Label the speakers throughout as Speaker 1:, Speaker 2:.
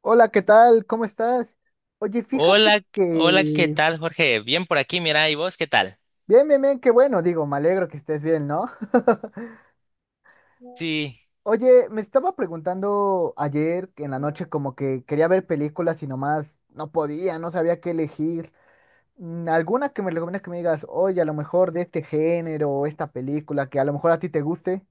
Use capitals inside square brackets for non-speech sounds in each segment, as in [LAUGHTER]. Speaker 1: Hola, ¿qué tal? ¿Cómo estás? Oye, fíjate
Speaker 2: Hola, hola, ¿qué
Speaker 1: que...
Speaker 2: tal, Jorge? Bien por aquí, mira, ¿y vos qué tal?
Speaker 1: Bien, bien, bien, qué bueno, digo, me alegro que estés bien, ¿no? [LAUGHS]
Speaker 2: Sí.
Speaker 1: Oye, me estaba preguntando ayer en la noche como que quería ver películas y nomás no podía, no sabía qué elegir. Mm, ¿alguna que me recomiendas que me digas, oye, a lo mejor de este género o esta película que a lo mejor a ti te guste?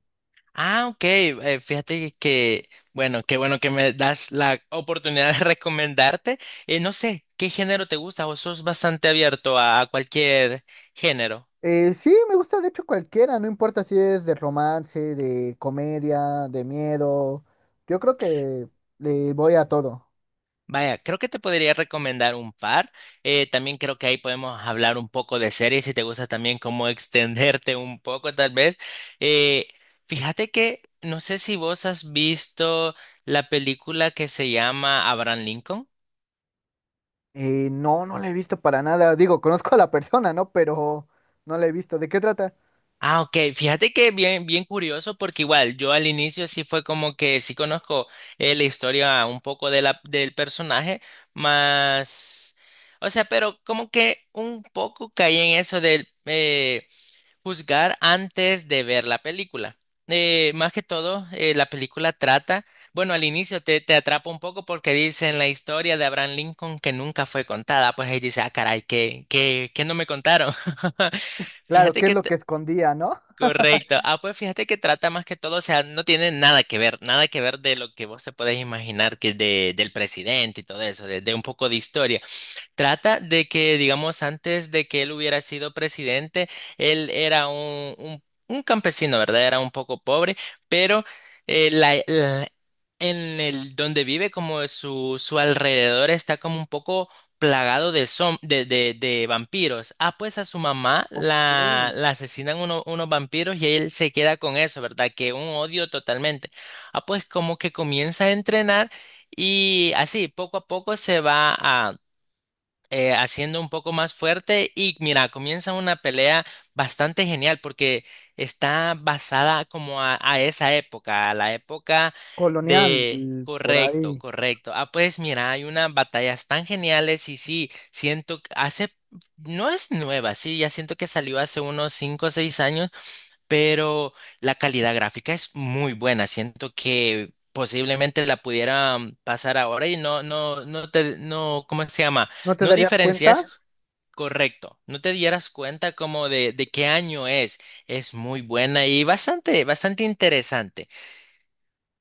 Speaker 2: Ah, ok, fíjate que, bueno, qué bueno que me das la oportunidad de [LAUGHS] recomendarte. No sé, ¿qué género te gusta? ¿O sos bastante abierto a, cualquier género?
Speaker 1: Sí, me gusta de hecho cualquiera, no importa si es de romance, de comedia, de miedo. Yo creo que le voy a todo.
Speaker 2: Vaya, creo que te podría recomendar un par. También creo que ahí podemos hablar un poco de series si te gusta también cómo [LAUGHS] extenderte un poco tal vez. Eh, fíjate que no sé si vos has visto la película que se llama Abraham Lincoln.
Speaker 1: No, no la he visto para nada. Digo, conozco a la persona, ¿no? Pero no la he visto. ¿De qué trata?
Speaker 2: Ah, ok. Fíjate que bien, bien curioso porque igual yo al inicio sí fue como que sí conozco la historia un poco de del personaje, más. O sea, pero como que un poco caí en eso del juzgar antes de ver la película. Más que todo, la película trata, bueno, al inicio te, atrapa un poco porque dicen la historia de Abraham Lincoln que nunca fue contada, pues ahí dice: ah, caray, ¿qué no me contaron? [LAUGHS]
Speaker 1: Claro,
Speaker 2: Fíjate
Speaker 1: ¿qué es
Speaker 2: que,
Speaker 1: lo que escondía, no?
Speaker 2: correcto. Ah, pues fíjate que trata más que todo, o sea, no tiene nada que ver, nada que ver de lo que vos te podés imaginar que de, del presidente y todo eso, de, un poco de historia. Trata de que, digamos, antes de que él hubiera sido presidente, él era un, campesino, ¿verdad? Era un poco pobre, pero eh, la, la- en el donde vive, como su, alrededor está como un poco plagado de, de vampiros. Ah, pues a su mamá
Speaker 1: Ok.
Speaker 2: la, asesinan unos vampiros y él se queda con eso, ¿verdad? Que un odio totalmente. Ah, pues como que comienza a entrenar y así, poco a poco se va a haciendo un poco más fuerte y mira, comienza una pelea bastante genial porque está basada como a, esa época, a la época
Speaker 1: Colonial,
Speaker 2: de.
Speaker 1: por
Speaker 2: Correcto,
Speaker 1: ahí.
Speaker 2: correcto. Ah, pues mira, hay unas batallas tan geniales y sí, siento que hace, no es nueva, sí, ya siento que salió hace unos 5 o 6 años, pero la calidad gráfica es muy buena. Siento que posiblemente la pudiera pasar ahora y no, ¿cómo se llama?
Speaker 1: ¿No te
Speaker 2: No
Speaker 1: darías
Speaker 2: diferencias,
Speaker 1: cuenta?
Speaker 2: correcto. No te dieras cuenta como de, qué año es. Es muy buena y bastante, bastante interesante,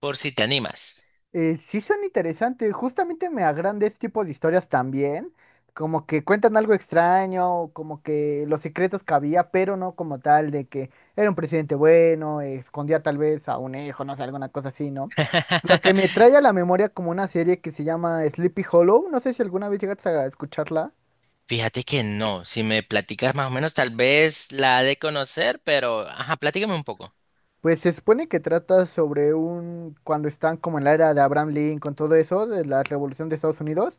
Speaker 2: por si te animas.
Speaker 1: Sí son interesantes, justamente me agranda este tipo de historias también, como que cuentan algo extraño, como que los secretos que había, pero no como tal de que era un presidente bueno, escondía tal vez a un hijo, no sé, alguna cosa así, ¿no?
Speaker 2: [LAUGHS]
Speaker 1: Lo que me trae a la memoria como una serie que se llama Sleepy Hollow, no sé si alguna vez llegaste a escucharla.
Speaker 2: Fíjate que no, si me platicas más o menos, tal vez la ha de conocer, pero ajá, platícame un poco.
Speaker 1: Pues se supone que trata sobre un, cuando están como en la era de Abraham Lincoln, todo eso, de la revolución de Estados Unidos.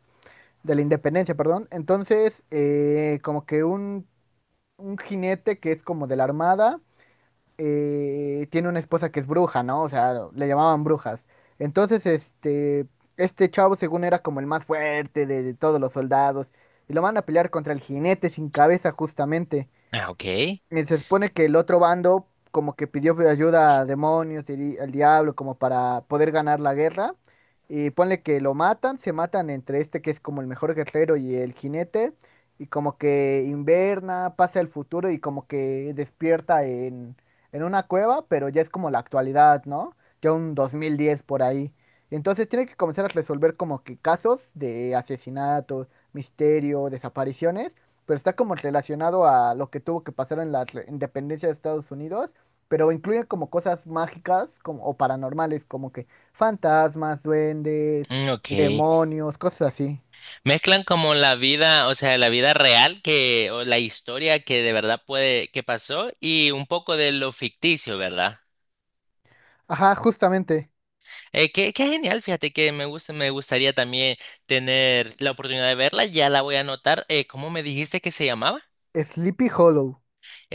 Speaker 1: De la independencia, perdón. Entonces, como que un jinete que es como de la armada, tiene una esposa que es bruja, ¿no? O sea, le llamaban brujas. Entonces, este chavo según era como el más fuerte de todos los soldados. Y lo van a pelear contra el jinete sin cabeza justamente.
Speaker 2: Ah, ok.
Speaker 1: Y se supone que el otro bando como que pidió ayuda a demonios y al diablo como para poder ganar la guerra. Y ponle que lo matan, se matan entre este que es como el mejor guerrero y el jinete. Y como que inverna, pasa el futuro y como que despierta en una cueva, pero ya es como la actualidad, ¿no? Ya un 2010 por ahí. Entonces tiene que comenzar a resolver como que casos de asesinato, misterio, desapariciones, pero está como relacionado a lo que tuvo que pasar en la independencia de Estados Unidos, pero incluye como cosas mágicas como, o paranormales, como que fantasmas, duendes,
Speaker 2: Mm, ok.
Speaker 1: demonios, cosas así.
Speaker 2: Mezclan como la vida, o sea, la vida real que, o la historia que de verdad puede, que pasó y un poco de lo ficticio, ¿verdad?
Speaker 1: Ajá, justamente.
Speaker 2: Qué, genial, fíjate que me gusta, me gustaría también tener la oportunidad de verla, ya la voy a anotar. ¿Cómo me dijiste que se llamaba?
Speaker 1: Sleepy Hollow.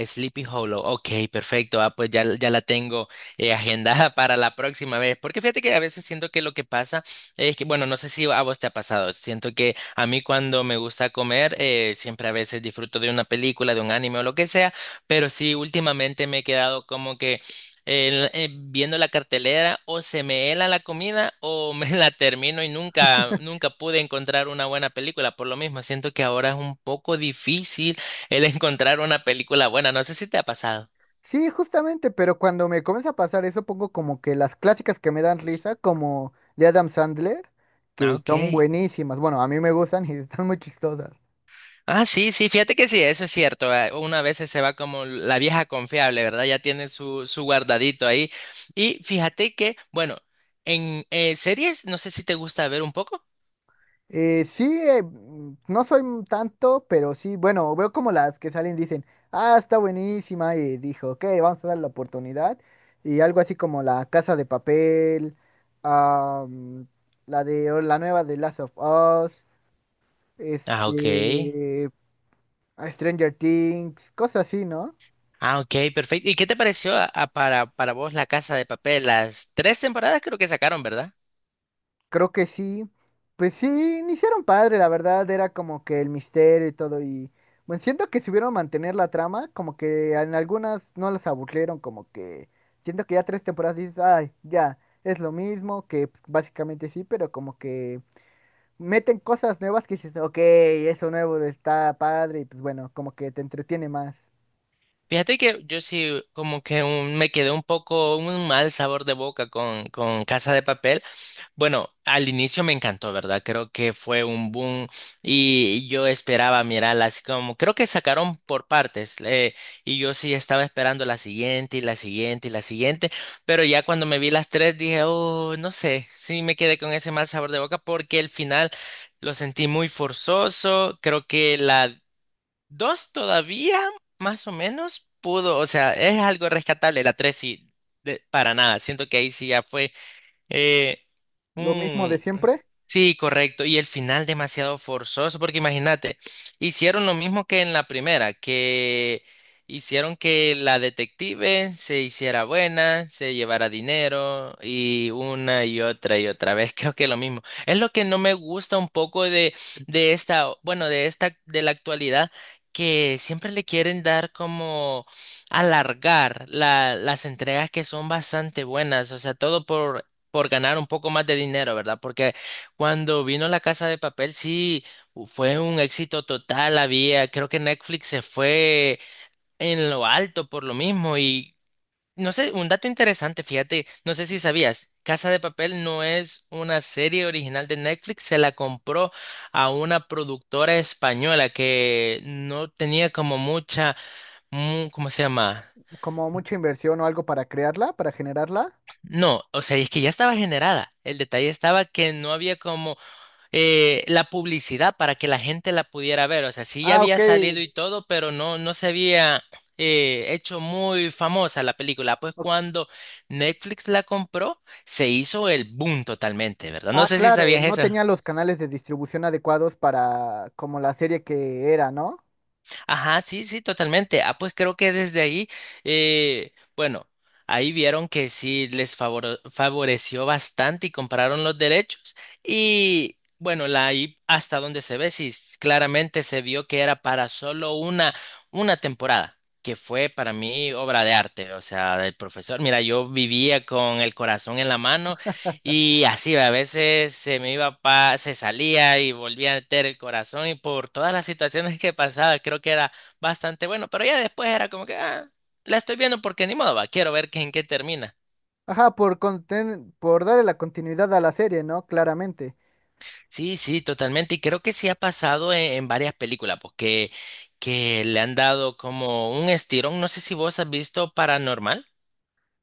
Speaker 2: Sleepy Hollow. Ok, perfecto. Ah, pues ya, la tengo [LAUGHS] agendada para la próxima vez. Porque fíjate que a veces siento que lo que pasa es que, bueno, no sé si a vos te ha pasado. Siento que a mí cuando me gusta comer, siempre a veces disfruto de una película, de un anime o lo que sea. Pero sí, últimamente me he quedado como que viendo la cartelera o se me hela la comida o me [LAUGHS] la termino y nunca, nunca pude encontrar una buena película. Por lo mismo, siento que ahora es un poco difícil el encontrar una película buena. No sé si te ha pasado.
Speaker 1: Sí, justamente, pero cuando me comienza a pasar eso, pongo como que las clásicas que me dan risa, como de Adam Sandler,
Speaker 2: Ah,
Speaker 1: que
Speaker 2: ok.
Speaker 1: son buenísimas. Bueno, a mí me gustan y [LAUGHS] están muy chistosas.
Speaker 2: Ah, sí, sí, fíjate que sí, eso es cierto. Uno a veces se va como la vieja confiable, ¿verdad? Ya tiene su, guardadito ahí. Y fíjate que, bueno, en series, no sé si te gusta ver un poco.
Speaker 1: Sí, no soy un tanto, pero sí, bueno, veo como las que salen dicen, ah, está buenísima, y dijo, ok, vamos a darle la oportunidad, y algo así como La Casa de Papel, ah, mm, la de o la nueva de Last of Us,
Speaker 2: Ah, ok.
Speaker 1: este, Stranger Things, cosas así, ¿no?
Speaker 2: Ah, ok, perfecto. ¿Y qué te pareció para vos La Casa de Papel? Las tres temporadas creo que sacaron, ¿verdad?
Speaker 1: Creo que sí. Pues sí, iniciaron padre, la verdad, era como que el misterio y todo. Y bueno, siento que supieron mantener la trama, como que en algunas no las aburrieron, como que siento que ya tres temporadas dices, ay, ya, es lo mismo, que pues, básicamente sí, pero como que meten cosas nuevas que dices, ok, eso nuevo está padre, y pues bueno, como que te entretiene más.
Speaker 2: Fíjate que yo sí como que me quedé un poco un mal sabor de boca con, Casa de Papel. Bueno, al inicio me encantó, ¿verdad? Creo que fue un boom y yo esperaba mirarla así como, creo que sacaron por partes, y yo sí estaba esperando la siguiente y la siguiente y la siguiente, pero ya cuando me vi las tres dije: oh, no sé, sí me quedé con ese mal sabor de boca porque el final lo sentí muy forzoso, creo que la. Dos todavía, más o menos, pudo, o sea, es algo rescatable. La tres sí, para nada. Siento que ahí sí ya fue. Eh,
Speaker 1: Lo mismo
Speaker 2: mm,
Speaker 1: de siempre,
Speaker 2: sí, correcto. Y el final demasiado forzoso, porque imagínate, hicieron lo mismo que en la primera, que hicieron que la detective se hiciera buena, se llevara dinero y una y otra vez. [LAUGHS] Creo que lo mismo. Es lo que no me gusta un poco bueno, de la actualidad, que siempre le quieren dar como alargar las entregas que son bastante buenas, o sea, todo por ganar un poco más de dinero, ¿verdad? Porque cuando vino La Casa de Papel, sí, fue un éxito total, había, creo que Netflix se fue en lo alto por lo mismo, y no sé, un dato interesante, fíjate, no sé si sabías, Casa de Papel no es una serie original de Netflix, se la compró a una productora española que no tenía como mucha, ¿cómo se llama?
Speaker 1: como mucha inversión o algo para crearla, para generarla.
Speaker 2: No, o sea, es que ya estaba generada. El detalle estaba que no había como la publicidad para que la gente la pudiera ver. O sea, sí ya
Speaker 1: Ah, ok,
Speaker 2: había salido y todo, pero no se había hecho muy famosa la película. Pues
Speaker 1: ok.
Speaker 2: cuando Netflix la compró, se hizo el boom totalmente, ¿verdad? No
Speaker 1: Ah,
Speaker 2: sé si
Speaker 1: claro,
Speaker 2: sabías
Speaker 1: no
Speaker 2: eso.
Speaker 1: tenía los canales de distribución adecuados para como la serie que era, ¿no?
Speaker 2: Ajá, sí, sí, totalmente. Ah, pues creo que desde ahí, bueno, ahí vieron que sí les favoreció bastante y compararon los derechos, y bueno, la ahí hasta donde se ve, sí, claramente se vio que era para solo una, temporada, que fue para mí obra de arte, o sea, del profesor. Mira, yo vivía con el corazón en la mano y así, a veces se me iba se salía y volvía a meter el corazón y por todas las situaciones que pasaba, creo que era bastante bueno, pero ya después era como que, ah, la estoy viendo porque ni modo, va, quiero ver en qué termina.
Speaker 1: Ajá, por darle la continuidad a la serie, ¿no? Claramente.
Speaker 2: Sí, sí, totalmente, y creo que sí ha pasado en, varias películas, porque que le han dado como un estirón, no sé si vos has visto Paranormal,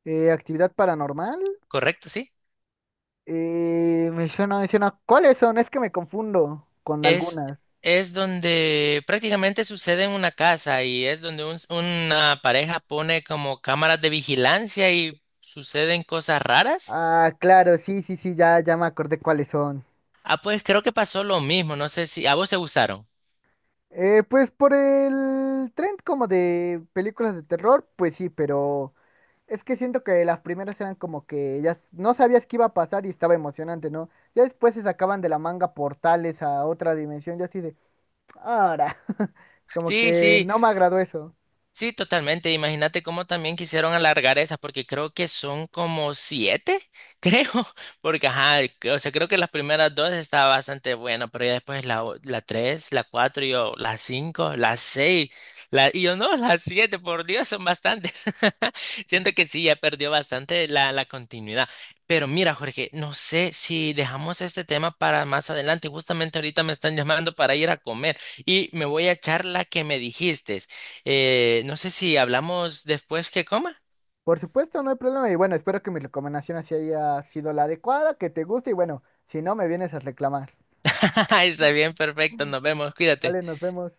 Speaker 1: Actividad paranormal.
Speaker 2: ¿correcto? Sí.
Speaker 1: Me suena, me suena. ¿Cuáles son? Es que me confundo con
Speaker 2: Es,
Speaker 1: algunas.
Speaker 2: es donde prácticamente sucede en una casa y es donde una pareja pone como cámaras de vigilancia y suceden cosas raras.
Speaker 1: Ah, claro, sí, sí, sí, ya, ya me acordé cuáles son.
Speaker 2: Ah, pues creo que pasó lo mismo, no sé si a vos te gustaron.
Speaker 1: Pues por el trend como de películas de terror, pues sí, pero es que siento que las primeras eran como que ya no sabías qué iba a pasar y estaba emocionante, ¿no? Ya después se sacaban de la manga portales a otra dimensión, yo así de, ahora, [LAUGHS] como
Speaker 2: Sí,
Speaker 1: que
Speaker 2: sí,
Speaker 1: no me agradó eso.
Speaker 2: sí, totalmente. Imagínate cómo también quisieron alargar esas, porque creo que son como siete, [LAUGHS] creo, porque ajá, o sea, creo que las primeras dos estaba bastante bueno, pero ya después la tres, la cuatro, y yo, la cinco, la seis, y yo no, las siete, por Dios, son bastantes. [LAUGHS] Siento que sí, ya perdió bastante la, continuidad. Pero mira, Jorge, no sé si dejamos este tema para más adelante. Justamente ahorita me están llamando para ir a comer y me voy a echar la que me dijiste. No sé si hablamos después que coma.
Speaker 1: Por supuesto, no hay problema y bueno, espero que mi recomendación así haya sido la adecuada, que te guste y bueno, si no, me vienes a reclamar.
Speaker 2: [LAUGHS] Está bien, perfecto. Nos vemos. Cuídate.
Speaker 1: Vale, nos vemos.